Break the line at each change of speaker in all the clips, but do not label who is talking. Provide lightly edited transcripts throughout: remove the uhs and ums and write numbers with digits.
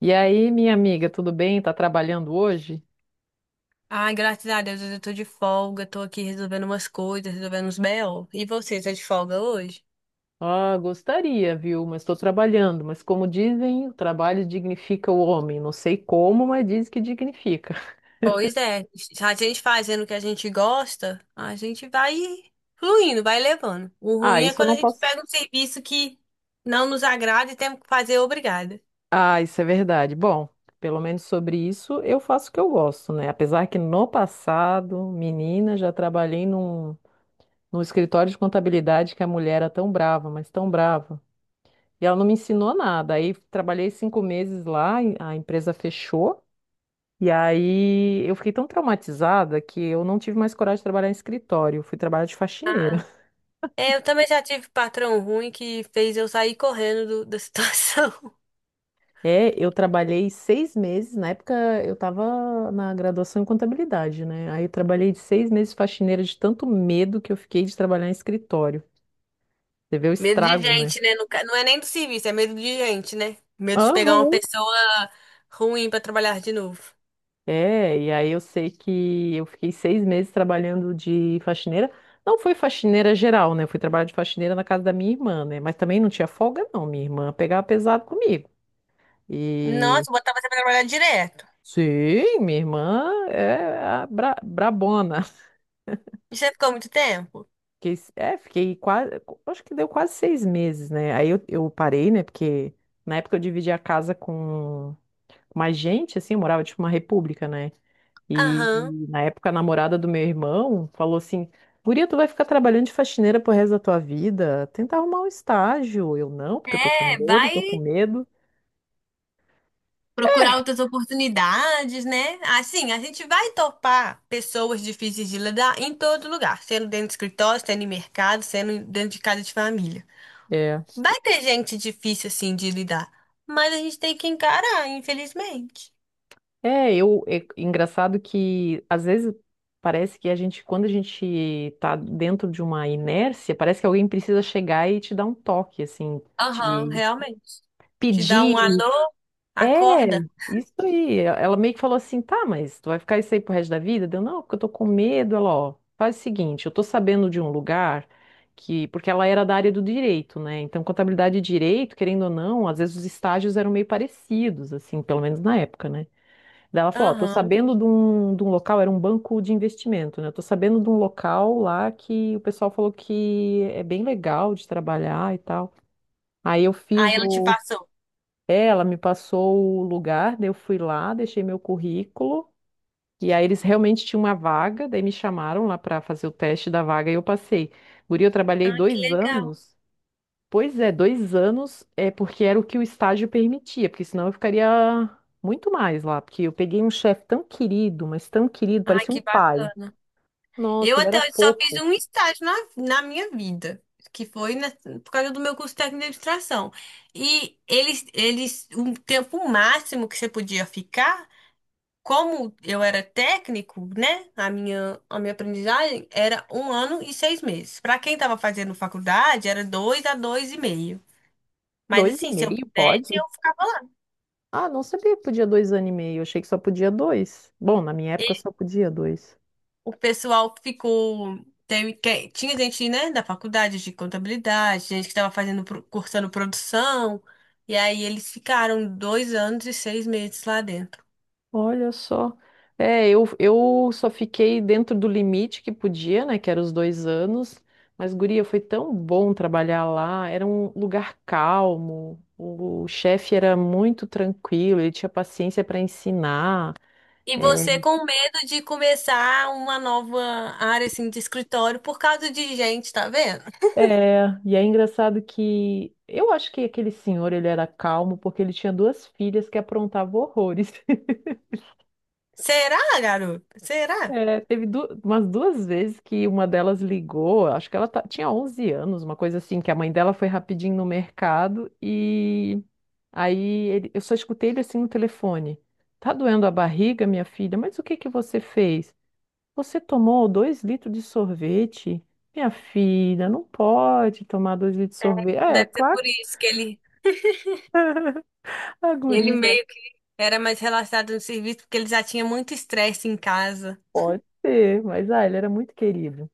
E aí, minha amiga, tudo bem? Tá trabalhando hoje?
Ai, graças a Deus, hoje eu tô de folga, tô aqui resolvendo umas coisas, resolvendo uns BO. E você, tá de folga hoje?
Ah, gostaria, viu? Mas estou trabalhando. Mas como dizem, o trabalho dignifica o homem. Não sei como, mas diz que dignifica.
Pois é, a gente fazendo o que a gente gosta, a gente vai fluindo, vai levando. O
Ah,
ruim é
isso eu
quando
não
a gente
posso.
pega um serviço que não nos agrada e temos que fazer obrigada.
Ah, isso é verdade. Bom, pelo menos sobre isso eu faço o que eu gosto, né? Apesar que no passado, menina, já trabalhei num escritório de contabilidade que a mulher era tão brava, mas tão brava. E ela não me ensinou nada. Aí trabalhei 5 meses lá, e a empresa fechou. E aí eu fiquei tão traumatizada que eu não tive mais coragem de trabalhar em escritório. Eu fui trabalhar de faxineira.
Ah. É, eu também já tive patrão ruim que fez eu sair correndo da situação.
É, eu trabalhei 6 meses. Na época eu estava na graduação em contabilidade, né? Aí eu trabalhei de 6 meses de faxineira de tanto medo que eu fiquei de trabalhar em escritório. Você vê o
Medo de
estrago, né?
gente, né? Não é nem do serviço, é medo de gente, né? Medo de pegar uma
Aham.
pessoa ruim pra trabalhar de novo.
É, e aí eu sei que eu fiquei 6 meses trabalhando de faxineira. Não foi faxineira geral, né? Eu fui trabalhar de faxineira na casa da minha irmã, né? Mas também não tinha folga, não. Minha irmã pegava pesado comigo. E
Nossa, botava você pra trabalhar direto.
sim, minha irmã é a brabona.
E você ficou muito tempo?
Fiquei quase, acho que deu quase 6 meses, né? Aí eu parei, né? Porque na época eu dividi a casa com mais gente, assim, eu morava tipo uma república, né? E
Aham.
na época a namorada do meu irmão falou assim: Guria, tu vai ficar trabalhando de faxineira pro resto da tua vida? Tenta arrumar um estágio. Eu não, porque eu tô com
É,
medo, tô com
vai
medo.
procurar outras oportunidades, né? Assim, a gente vai topar pessoas difíceis de lidar em todo lugar, sendo dentro de escritório, sendo em mercado, sendo dentro de casa de família.
É,
Vai ter gente difícil, assim, de lidar, mas a gente tem que encarar, infelizmente.
é, é engraçado que às vezes parece que a gente, quando a gente tá dentro de uma inércia, parece que alguém precisa chegar e te dar um toque, assim,
Aham,
te
realmente. Te dá um
pedir.
alô,
É,
acorda.
isso aí. Ela meio que falou assim, tá, mas tu vai ficar isso aí pro resto da vida? Deu, não, porque eu tô com medo. Ela, ó, faz o seguinte, eu tô sabendo de um lugar que, porque ela era da área do direito, né? Então, contabilidade e direito, querendo ou não, às vezes os estágios eram meio parecidos, assim, pelo menos na época, né? Daí ela falou, ó, tô
Aham.
sabendo de um local, era um banco de investimento, né? Eu tô sabendo de um local lá que o pessoal falou que é bem legal de trabalhar e tal. Aí eu
Aí
fiz
ela te
o.
passou.
É, ela me passou o lugar, daí eu fui lá, deixei meu currículo, e aí eles realmente tinham uma vaga, daí me chamaram lá para fazer o teste da vaga e eu passei. Guri, eu trabalhei
Ah, que
dois
legal.
anos Pois é, 2 anos é porque era o que o estágio permitia, porque senão eu ficaria muito mais lá, porque eu peguei um chefe tão querido, mas tão querido,
Ai,
parecia um
que.
pai.
Eu
Nossa, ele era
até hoje só fiz
fofo.
um estágio na minha vida, que foi por causa do meu curso técnico de administração. E eles, o tempo máximo que você podia ficar, como eu era técnico, né? A minha aprendizagem era 1 ano e 6 meses. Para quem estava fazendo faculdade, era 2 a 2 e meio. Mas
Dois e
assim, se eu
meio,
pudesse, eu
pode?
ficava
Ah, não sabia que podia 2 anos e meio, eu achei que só podia dois. Bom, na minha época só podia dois.
o pessoal ficou. Teve, é, tinha gente, né, da faculdade de contabilidade, gente que estava fazendo, cursando produção, e aí eles ficaram 2 anos e 6 meses lá dentro.
Olha só. É, eu só fiquei dentro do limite que podia, né? Que era os 2 anos. Mas, guria, foi tão bom trabalhar lá. Era um lugar calmo. O chefe era muito tranquilo, ele tinha paciência para ensinar.
E
É,
você com medo de começar uma nova área assim de escritório por causa de gente, tá vendo?
é, e é engraçado que eu acho que aquele senhor ele era calmo porque ele tinha duas filhas que aprontavam horrores.
Será, garoto? Será?
É, teve umas duas vezes que uma delas ligou, acho que ela tinha 11 anos, uma coisa assim, que a mãe dela foi rapidinho no mercado e aí eu só escutei ele assim no telefone. Tá doendo a barriga, minha filha? Mas o que que você fez? Você tomou 2 litros de sorvete? Minha filha, não pode tomar 2 litros de sorvete. É,
Deve ser
claro,
por isso que ele,
a
ele
guria
meio que era mais relaxado no serviço, porque ele já tinha muito estresse em casa.
pode ser, mas ele era muito querido.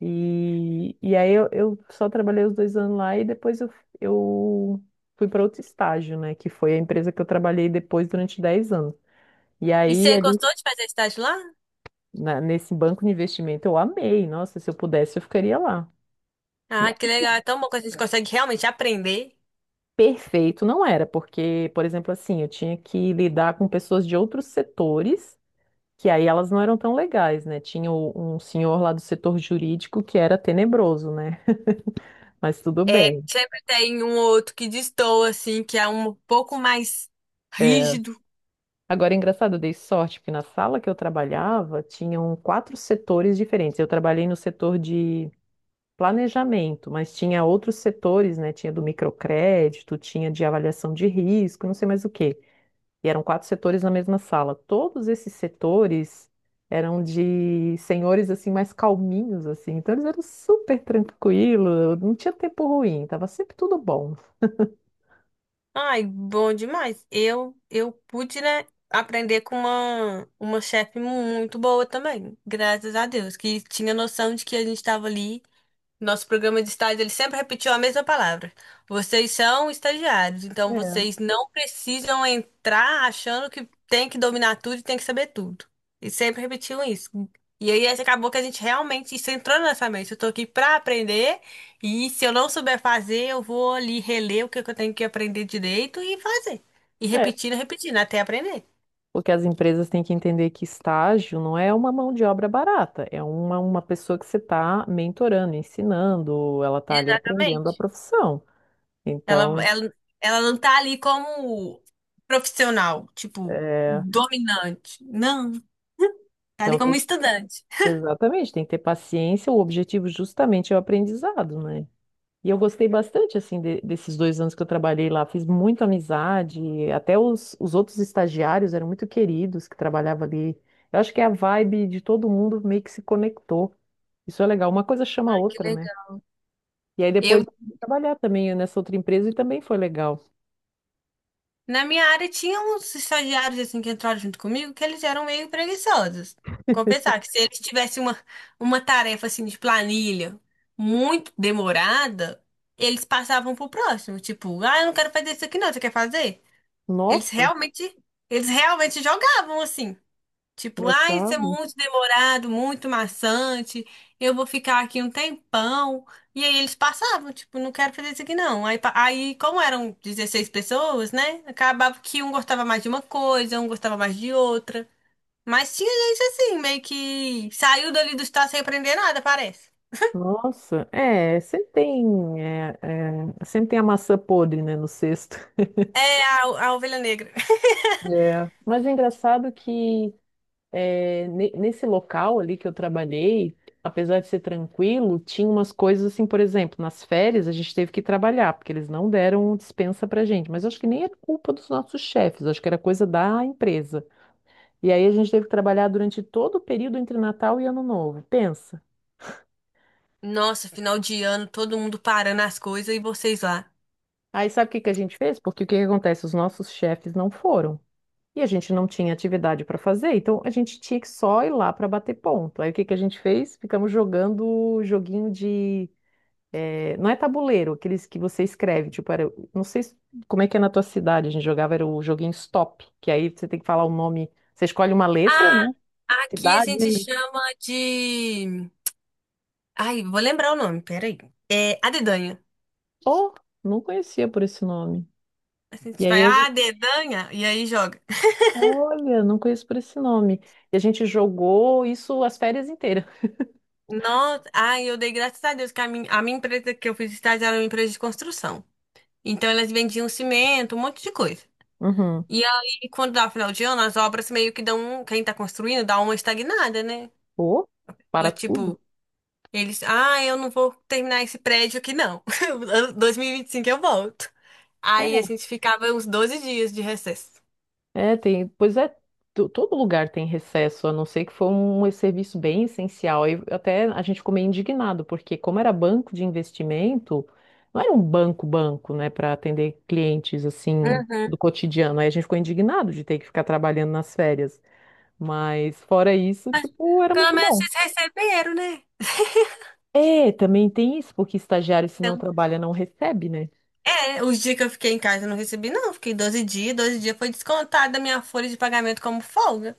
E aí eu só trabalhei os 2 anos lá e depois eu fui para outro estágio, né? Que foi a empresa que eu trabalhei depois durante 10 anos. E
E
aí,
você
ali,
gostou de fazer estágio lá?
nesse banco de investimento, eu amei. Nossa, se eu pudesse, eu ficaria lá. Né,
Ah, que legal.
assim,
É tão bom que a gente consegue realmente aprender.
perfeito não era, porque, por exemplo, assim, eu tinha que lidar com pessoas de outros setores, que aí elas não eram tão legais, né? Tinha um senhor lá do setor jurídico que era tenebroso, né? Mas tudo
É,
bem.
sempre tem um ou outro que destoa, assim, que é um pouco mais
É,
rígido.
agora, é engraçado, eu dei sorte, porque na sala que eu trabalhava, tinham quatro setores diferentes. Eu trabalhei no setor de planejamento, mas tinha outros setores, né? Tinha do microcrédito, tinha de avaliação de risco, não sei mais o quê. E eram quatro setores na mesma sala. Todos esses setores eram de senhores, assim, mais calminhos, assim. Então, eles eram super tranquilos, não tinha tempo ruim, tava sempre tudo bom.
Ai, bom demais. Eu pude, né, aprender com uma chefe muito boa também, graças a Deus, que tinha noção de que a gente estava ali. Nosso programa de estágio, ele sempre repetiu a mesma palavra. Vocês são estagiários, então
É.
vocês não precisam entrar achando que tem que dominar tudo e tem que saber tudo. E sempre repetiam isso. E aí acabou que a gente realmente isso entrou na nossa mente. Eu tô aqui pra aprender e se eu não souber fazer, eu vou ali reler o que que eu tenho que aprender direito e fazer. E repetindo, repetindo até aprender.
Porque as empresas têm que entender que estágio não é uma mão de obra barata, é uma pessoa que você está mentorando, ensinando, ela está ali aprendendo a
Exatamente.
profissão.
Ela,
Então,
ela, ela não tá ali como profissional, tipo,
é,
dominante. Não, tá ali
então tem
como
que-
estudante.
exatamente, tem que ter paciência, o objetivo justamente é o aprendizado, né? E eu gostei bastante, assim, desses 2 anos que eu trabalhei lá, fiz muita amizade, até os outros estagiários eram muito queridos que trabalhavam ali. Eu acho que é a vibe de todo mundo meio que se conectou. Isso é legal, uma coisa chama a
Ai, que
outra, né?
legal.
E aí depois
Eu,
eu fui trabalhar também nessa outra empresa e também foi legal.
na minha área, tinha uns estagiários assim que entraram junto comigo que eles eram meio preguiçosos. Confessar que se eles tivessem uma tarefa assim de planilha muito demorada, eles passavam pro próximo, tipo, ah, eu não quero fazer isso aqui não, você quer fazer? Eles
Nossa,
realmente, eles realmente jogavam assim. Tipo, ah, isso é
engraçado.
muito demorado, muito maçante, eu vou ficar aqui um tempão. E aí eles passavam, tipo, não quero fazer isso aqui não. Aí, aí como eram 16 pessoas, né? Acabava que um gostava mais de uma coisa, um gostava mais de outra. Mas tinha gente assim, meio que saiu dali do estado sem aprender nada, parece.
Nossa, é, sempre tem a maçã podre, né, no cesto.
É a ovelha negra.
É. Mas é engraçado que é, nesse local ali que eu trabalhei, apesar de ser tranquilo, tinha umas coisas assim, por exemplo, nas férias a gente teve que trabalhar, porque eles não deram dispensa pra gente. Mas acho que nem era culpa dos nossos chefes, acho que era coisa da empresa. E aí a gente teve que trabalhar durante todo o período entre Natal e Ano Novo. Pensa.
Nossa, final de ano, todo mundo parando as coisas e vocês lá.
Aí sabe o que que a gente fez? Porque o que que acontece? Os nossos chefes não foram. E a gente não tinha atividade para fazer, então a gente tinha que só ir lá para bater ponto. Aí o que que a gente fez? Ficamos jogando joguinho de. Não é tabuleiro, aqueles que você escreve, tipo, era... não sei como é que é na tua cidade, a gente jogava, era o joguinho Stop, que aí você tem que falar o nome, você escolhe uma letra,
Ah,
né?
aqui a
Cidade.
gente chama de. Ai, vou lembrar o nome, peraí. É a dedanha.
Oh, não conhecia por esse nome.
Assim, a
E
gente vai,
aí
ah, dedanha, e aí joga.
olha, não conheço por esse nome. E a gente jogou isso as férias inteiras.
Nossa, ai, eu dei graças a Deus que a minha empresa que eu fiz estágio era uma empresa de construção. Então elas vendiam cimento, um monte de coisa.
Uhum.
E aí, quando dá final de ano, as obras meio que dão, quem tá construindo dá uma estagnada, né?
Pô,
Então
para
é
tudo?
tipo, eles, ah, eu não vou terminar esse prédio aqui não. Ano 2025 eu volto. Aí a gente ficava uns 12 dias de recesso.
É, é, tem. Pois é, todo lugar tem recesso, a não ser que foi um serviço bem essencial. E até a gente ficou meio indignado, porque como era banco de investimento, não era um banco banco, né, para atender clientes assim
Uhum.
do cotidiano. Aí a gente ficou indignado de ter que ficar trabalhando nas férias. Mas fora isso, tipo, era
Pelo
muito
menos
bom.
vocês receberam, né?
É, também tem isso, porque estagiário, se não
Então,
trabalha, não recebe, né?
é, os dias que eu fiquei em casa eu não recebi, não. Fiquei 12 dias, 12 dias foi descontado da minha folha de pagamento como folga.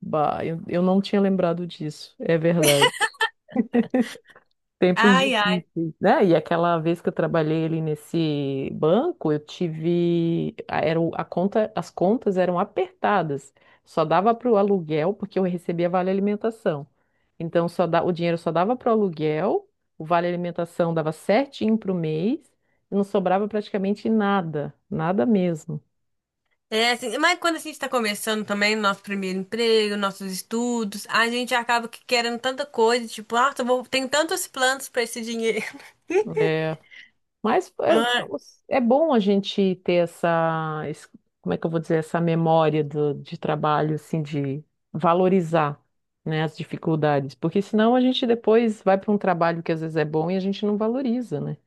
Bah, eu não tinha lembrado disso, é verdade. Tempos
Ai, ai.
difíceis, né? E aquela vez que eu trabalhei ali nesse banco, eu tive. A conta, as contas eram apertadas, só dava para o aluguel, porque eu recebia vale alimentação. Então, o dinheiro só dava para o aluguel, o vale alimentação dava certinho para o mês, e não sobrava praticamente nada, nada mesmo.
É assim, mas quando a gente tá começando também nosso primeiro emprego, nossos estudos, a gente acaba que querendo tanta coisa, tipo, ah, eu vou, tenho tantos planos pra esse dinheiro.
É. Mas
Ah,
é bom a gente ter essa, como é que eu vou dizer, essa memória de trabalho, assim, de valorizar, né, as dificuldades, porque senão a gente depois vai para um trabalho que às vezes é bom e a gente não valoriza, né?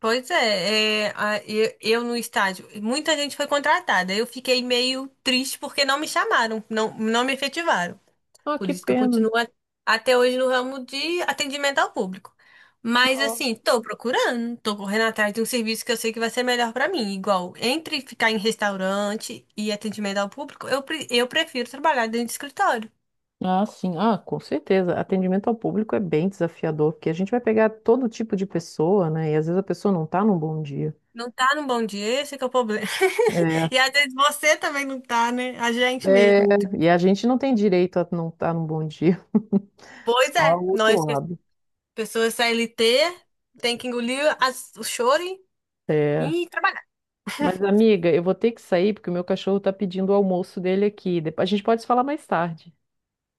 pois é, eu no estágio, muita gente foi contratada. Eu fiquei meio triste porque não me chamaram, não, não me efetivaram.
Ah,
Por
que
isso que eu
pena.
continuo até hoje no ramo de atendimento ao público. Mas
Ah,
assim, tô procurando, tô correndo atrás de um serviço que eu sei que vai ser melhor pra mim. Igual, entre ficar em restaurante e atendimento ao público, eu prefiro trabalhar dentro de escritório.
ah, sim, ah, com certeza. Atendimento ao público é bem desafiador, porque a gente vai pegar todo tipo de pessoa, né? E às vezes a pessoa não está num bom dia.
Não tá num bom dia, esse é que é o problema.
É,
E às vezes você também não tá, né? A gente
é,
mesmo.
e a gente não tem direito a não estar num bom dia,
Pois
só
é,
o outro
nós,
lado.
pessoas CLT, tem que engolir o choro e
É.
e trabalhar.
Mas, amiga, eu vou ter que sair porque o meu cachorro tá pedindo o almoço dele aqui. Depois a gente pode se falar mais tarde.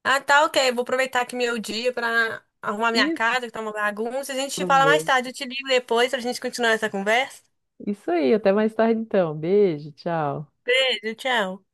Ah, tá, ok. Vou aproveitar aqui meu dia pra arrumar minha
Isso,
casa, que tá uma bagunça. A gente fala
vê.
mais tarde. Eu te ligo depois pra gente continuar essa conversa.
Isso aí, até mais tarde então. Beijo, tchau.
Beijo, tchau.